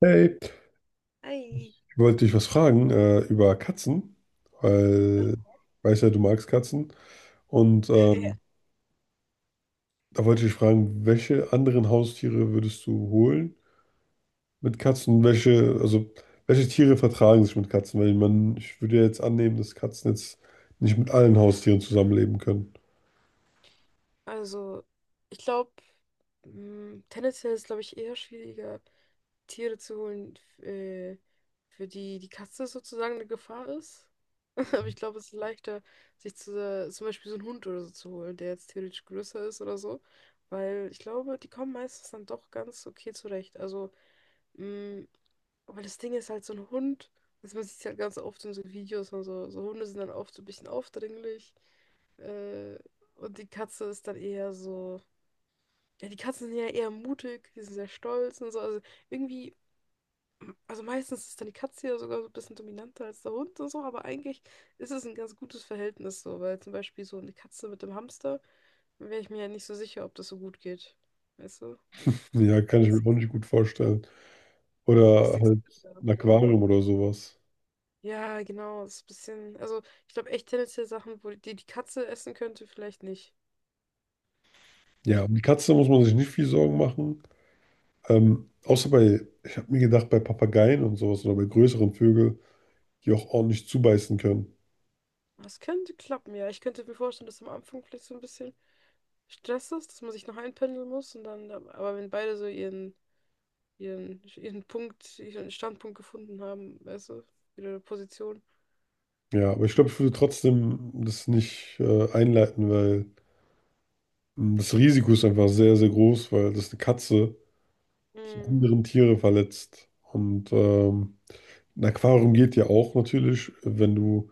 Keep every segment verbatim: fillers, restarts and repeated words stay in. Hey, Ei. ich wollte dich was fragen äh, über Katzen, weil ich weiß ja, du magst Katzen. Und ähm, Da wollte ich dich fragen, welche anderen Haustiere würdest du holen mit Katzen? Welche, also welche Tiere vertragen sich mit Katzen? Weil man, ich würde ja jetzt annehmen, dass Katzen jetzt nicht mit allen Haustieren zusammenleben können. Also, ich glaube, tendenziell ist, glaube ich, eher schwieriger, Tiere zu holen, f- äh, für die die Katze sozusagen eine Gefahr ist. Aber ich glaube, es ist leichter, sich zu, äh, zum Beispiel so einen Hund oder so zu holen, der jetzt theoretisch größer ist oder so. Weil ich glaube, die kommen meistens dann doch ganz okay zurecht. Also, mh, weil das Ding ist halt so ein Hund, also man sieht es halt ganz oft in so Videos und so, so Hunde sind dann oft so ein bisschen aufdringlich. Äh, und die Katze ist dann eher so. Ja, die Katzen sind ja eher mutig, die sind sehr stolz und so. Also irgendwie, also meistens ist dann die Katze ja sogar so ein bisschen dominanter als der Hund und so, aber eigentlich ist es ein ganz gutes Verhältnis so, weil zum Beispiel so eine Katze mit dem Hamster, wäre ich mir ja nicht so sicher, ob das so gut geht. Weißt du? Ja, kann ich mir Was, auch nicht gut vorstellen. was Oder denkst halt du da ein so? Aquarium oder sowas. Ja, genau, das ist ein bisschen. Also ich glaube echt tendenziell Sachen, wo die, die Katze essen könnte, vielleicht nicht. Ja, So. um die Katze muss man sich nicht viel Sorgen machen. Ähm, außer bei, ich habe mir gedacht, bei Papageien und sowas oder bei größeren Vögeln, die auch ordentlich zubeißen können. Das könnte klappen, ja. Ich könnte mir vorstellen, dass am Anfang vielleicht so ein bisschen Stress ist, dass man sich noch einpendeln muss und dann, aber wenn beide so ihren, ihren, ihren Punkt, ihren Standpunkt gefunden haben, weißt du, ihre Position. Ja, aber ich glaube, ich würde trotzdem das nicht äh, einleiten, weil ähm, das Risiko ist einfach sehr, sehr groß, weil das eine Katze, die Mhm. anderen Tiere verletzt. Und ähm, ein Aquarium geht ja auch natürlich, wenn du,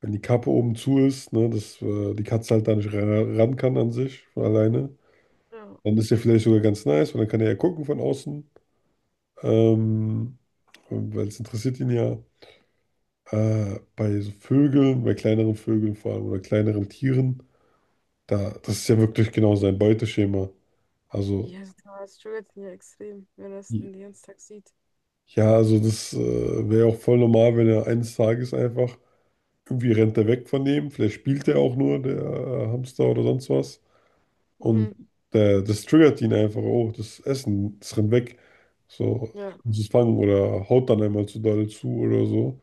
wenn die Kappe oben zu ist, ne, dass äh, die Katze halt da nicht ra- ran kann an sich von alleine. Ja. Dann ist ja vielleicht sogar ganz nice, weil dann kann er ja gucken von außen. Ähm, Weil es interessiert ihn ja, äh, bei so Vögeln, bei kleineren Vögeln vor allem oder kleineren Tieren, da, das ist ja wirklich genau sein Beuteschema. Also, Ja, also da struggelt ja extrem, wenn er es den ganzen Tag sieht. ja, also das äh, wäre auch voll normal, wenn er eines Tages einfach irgendwie rennt er weg von dem, vielleicht spielt er auch nur, der äh, Hamster oder sonst was. Und Mhm. der, das triggert ihn einfach, oh, das Essen, das rennt weg. So, ich Ja. muss es fangen oder haut dann einmal zu doll zu oder so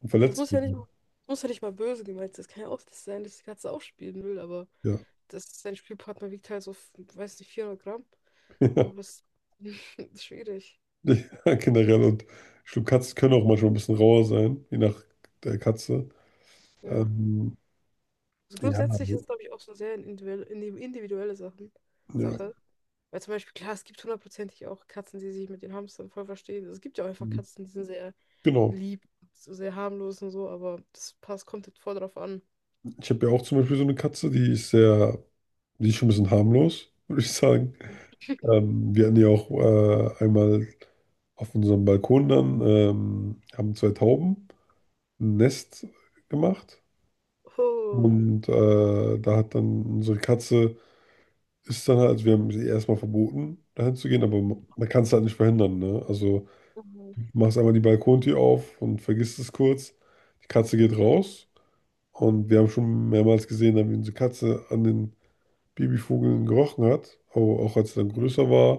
und Ja, es verletzt muss ja nicht, ihn. es muss ja nicht mal böse gemeint sein. Es kann ja auch das sein, dass die Katze auch spielen will, aber Ja. das, sein Spielpartner wiegt halt so, weiß nicht, vierhundert Gramm. So, das ist schwierig. Ja, generell. Und ich glaube, Katzen können auch manchmal ein bisschen rauer sein, je nach der Katze. Ja. Ähm, Also ja, grundsätzlich also, ist es, glaube ich, auch so eine sehr individuelle, indi- individuelle Sachen, ja, Sache. Weil zum Beispiel, klar, es gibt hundertprozentig auch Katzen, die sich mit den Hamstern voll verstehen. Also es gibt ja auch einfach Katzen, die sind sehr genau. lieb, so sehr harmlos und so, aber das passt, kommt jetzt voll drauf an. Ich habe ja auch zum Beispiel so eine Katze, die ist sehr, die ist schon ein bisschen harmlos, würde ich sagen. Ähm, wir hatten ja auch äh, einmal auf unserem Balkon dann, ähm, haben zwei Tauben ein Nest gemacht. Oh. Und äh, da hat dann unsere Katze, ist dann halt, also wir haben sie erstmal verboten, dahin zu gehen, aber man kann es halt nicht verhindern, ne? Also Mhm. machst einmal die Balkontür auf und vergisst es kurz. Die Katze geht raus und wir haben schon mehrmals gesehen, wie unsere Katze an den Babyvögeln gerochen hat, auch, auch als sie dann größer war,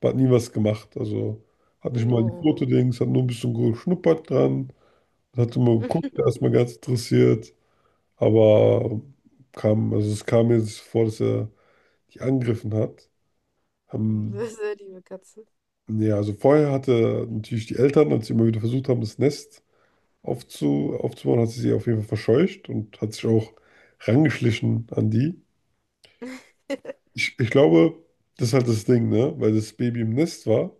aber hat nie was gemacht. Also hat nicht mal die Oh. Fotodings, hat nur ein bisschen geschnuppert dran, hat immer geguckt, erstmal ganz interessiert, aber kam, also es kam mir jetzt vor, dass er die angegriffen hat. Sehr, Ähm, sehr liebe Katze. ja, also vorher hatte natürlich die Eltern, als sie immer wieder versucht haben, das Nest aufzu, aufzubauen, hat sie sie auf jeden Fall verscheucht und hat sich auch rangeschlichen an die. Ich, ich glaube, das ist halt das Ding, ne? Weil das Baby im Nest war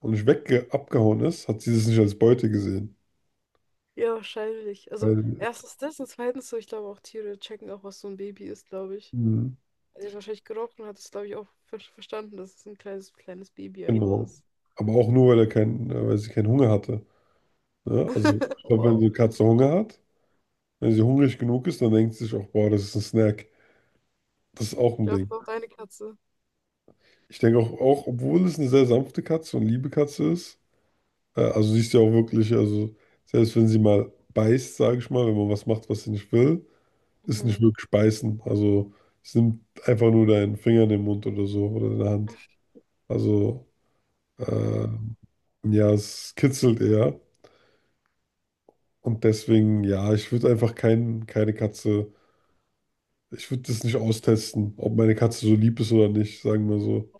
und nicht wegge abgehauen ist, hat sie das nicht als Beute gesehen. Ja, wahrscheinlich. Also Weil, erstens das und zweitens so, ich glaube auch Tiere checken auch, was so ein Baby ist, glaube ich. mhm, Er hat jetzt wahrscheinlich gerochen und hat es, glaube ich, auch ver verstanden, dass es ein kleines, kleines Baby einfach genau. ist. Aber auch nur, weil er kein, äh, weil sie keinen Hunger hatte. Ne? Also, ich glaube, wenn Wow. die Katze Hunger hat, wenn sie hungrig genug ist, dann denkt sie sich auch, boah, das ist ein Snack. Das ist auch Ich ein glaube, Ding. auch deine Katze. Ich denke auch, auch, obwohl es eine sehr sanfte Katze und liebe Katze ist, Äh, Also sie ist ja auch wirklich, also selbst wenn sie mal beißt, sage ich mal, wenn man was macht, was sie nicht will, ist nicht Mhm. wirklich beißen. Also es nimmt einfach nur deinen Finger in den Mund oder so oder in der Hand. Also äh, Hm, ja, es kitzelt eher. Und deswegen, ja, ich würde einfach kein, keine Katze, ich würde das nicht austesten, ob meine Katze so lieb ist oder nicht, sagen wir so.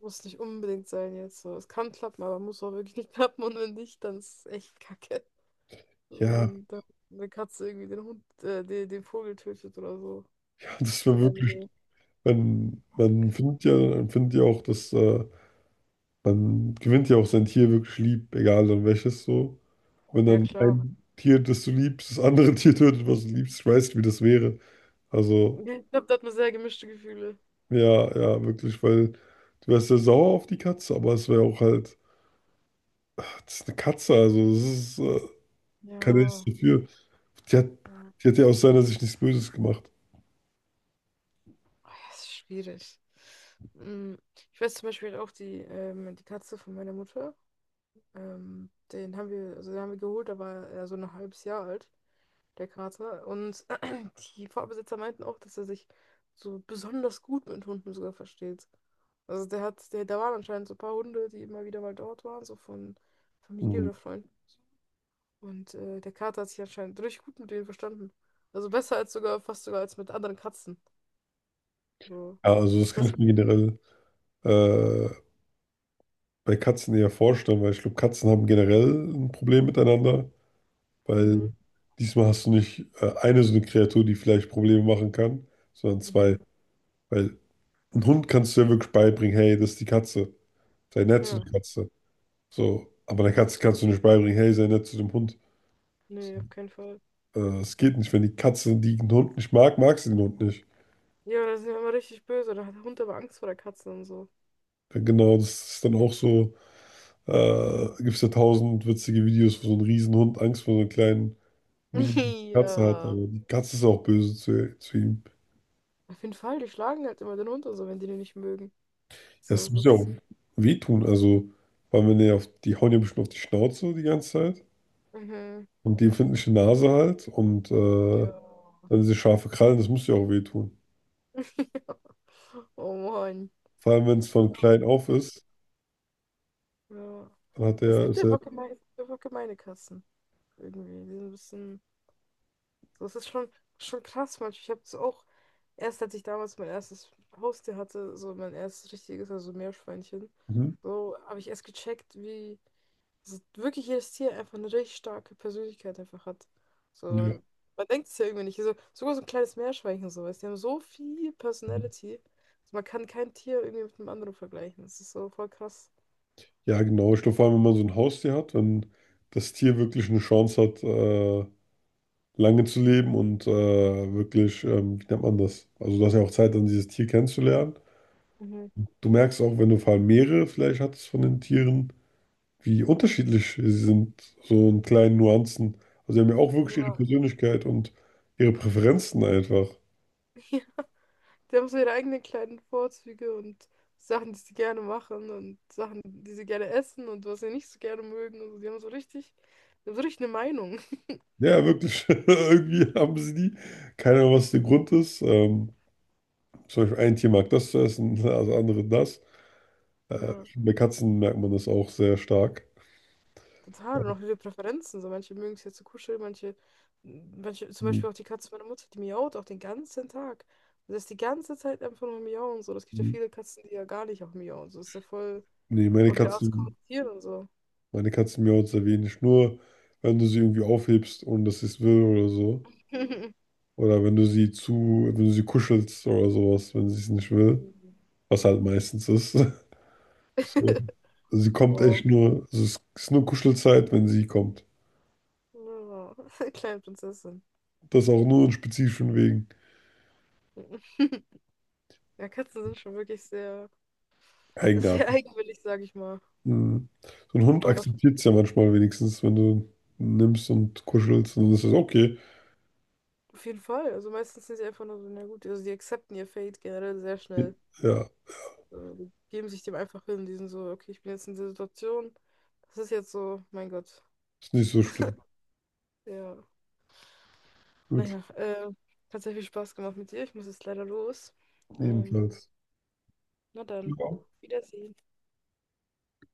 Muss nicht unbedingt sein jetzt. So, es kann klappen, aber muss auch wirklich nicht klappen. Und wenn nicht, dann ist es echt kacke. So, wenn Ja, dann der, eine Katze irgendwie den Hund, äh, den, den Vogel tötet oder so. das So, wäre wirklich, meine, man, man findet ja, man findet ja auch, dass äh, dann gewinnt ja auch sein Tier wirklich lieb, egal dann welches so. Wenn ja, dann klar. ein Tier, das du liebst, das andere Tier tötet, was du liebst, ich weiß nicht, wie das wäre. Ich Also, glaube, da hat man sehr gemischte Gefühle. ja, ja, wirklich, weil du wärst ja sauer auf die Katze, aber es wäre auch halt, das ist eine Katze, also das ist, äh, kann ja nichts Ja, dafür. Die hat, ja. die hat ja aus seiner Sicht nichts Böses gemacht. Oh, ja, es ist schwierig. Hm, Ich weiß zum Beispiel auch die, ähm, die Katze von meiner Mutter. Ähm, den haben wir, also den haben wir geholt, da war er so ein halbes Jahr alt, der Kater. Und die Vorbesitzer meinten auch, dass er sich so besonders gut mit Hunden sogar versteht. Also der hat, der, da waren anscheinend so ein paar Hunde, die immer wieder mal dort waren, so von Familie Mhm. oder Freunden. Und äh, der Kater hat sich anscheinend richtig gut mit denen verstanden. Also besser als sogar, fast sogar als mit anderen Katzen. So, Ja, also das ich kann weiß. ich mir generell äh, bei Katzen eher vorstellen, weil ich glaube, Katzen haben generell ein Problem miteinander. Weil Mhm, diesmal hast du nicht äh, eine so eine Kreatur, die vielleicht Probleme machen kann, sondern mhm. zwei. Weil ein Hund kannst du ja wirklich beibringen, hey, das ist die Katze. Sei nett zu der Ja, Katze. So, aber der Katze kannst du nicht beibringen, hey, sei nett zu dem Hund. nee, So, auf keinen Fall. Äh, Es geht nicht. Wenn die Katze den Hund nicht mag, mag sie den Hund nicht. Ja, da sind wir immer richtig böse. Da hat der Hund aber Angst vor der Katze und so. Dann genau, das ist dann auch so, äh, gibt es ja tausend witzige Videos, wo so ein Riesenhund Angst vor so einer kleinen Mini-Katze hat. Ja. Aber die Katze ist auch böse zu, zu ihm. Auf jeden Fall, die schlagen halt immer den Hund und so, wenn die den nicht mögen. So Das ist muss ja auch es. wehtun. Also, weil wenn die, auf, die hauen ja bestimmt auf die Schnauze die ganze Zeit. Mhm. Und die empfindliche Nase halt. Und äh, Ja. dann diese scharfe Krallen, das muss ja auch wehtun. Oh Mann. Vor allem, wenn es So von klein auf viel. ist, Ja. dann hat Es der, gibt ist ja er, gemeine, Es gibt einfach gemeine Kassen. Irgendwie. Die sind ein bisschen. So, es ist schon, schon krass manchmal. Ich habe es auch. Erst als ich damals mein erstes Haustier hatte, so mein erstes richtiges, also Meerschweinchen, mhm, so habe ich erst gecheckt, wie. Also wirklich jedes Tier einfach eine richtig starke Persönlichkeit einfach hat. So, ja. weil man denkt es ja irgendwie nicht. Also, sogar so ein kleines Meerschweinchen so, weißt du, die haben so viel Mhm. Personality. Also man kann kein Tier irgendwie mit einem anderen vergleichen. Das ist so voll krass. Ja, genau. Ich glaube, vor allem, wenn man so ein Haustier hat, wenn das Tier wirklich eine Chance hat, äh, lange zu leben und äh, wirklich, ähm, wie nennt man das? Also, du hast ja auch Zeit, dann dieses Tier kennenzulernen. Mhm. Du merkst auch, wenn du vor allem mehrere vielleicht hattest von den Tieren, wie unterschiedlich sie sind, so in kleinen Nuancen. Also sie haben ja auch wirklich ihre Ja. Persönlichkeit und ihre Präferenzen einfach. Ja. Die haben so ihre eigenen kleinen Vorzüge und Sachen, die sie gerne machen und Sachen, die sie gerne essen und was sie nicht so gerne mögen. Also die haben so richtig, die haben so richtig eine Meinung. Ja, wirklich. Irgendwie haben sie die. Keine Ahnung, was der Grund ist. Ähm, zum Beispiel ein Tier mag das zu essen, das andere das. Äh, Ja. Bei Katzen merkt man das auch sehr stark. Total, und auch viele Präferenzen. So, manche mögen es ja zu kuscheln, manche, manche, zum Mhm. Beispiel auch die Katze meiner Mutter, die miaut auch den ganzen Tag. Und das ist die ganze Zeit einfach nur miauen. So, das gibt ja viele Katzen, die ja gar nicht auch miauen. So, das ist ja voll, Nee, meine auch jeder Arzt Katzen, kommentiert und so. meine Katzen miauen sehr wenig. Nur wenn du sie irgendwie aufhebst und dass sie es will oder so. Oder wenn du sie zu, wenn du sie kuschelst oder sowas, wenn sie es nicht will. Mhm. Was halt meistens ist. So. Also sie kommt Wow. echt nur, also es ist nur Kuschelzeit, wenn sie kommt. Ja, kleine Prinzessin. Das auch nur in spezifischen Wegen. Ja, Katzen sind schon wirklich sehr, sehr Eigenarten. eigenwillig, sage ich mal. Mhm. So ein Hund Aber dafür, akzeptiert es ja manchmal wenigstens, wenn du ihn nimmst und kuschelst und dann ist es okay. auf jeden Fall. Also meistens sind sie einfach nur so, na gut, also die akzeptieren ihr Fate generell sehr schnell. Ja, So, geben sich dem einfach hin. Die sind so, okay, ich bin jetzt in der Situation. Das ist jetzt so, mein Gott. ist nicht so schlimm. Ja. Gut, Naja, äh, hat sehr viel Spaß gemacht mit dir. Ich muss jetzt leider los. Ähm, ebenfalls. na dann, Ja. auf Wiedersehen.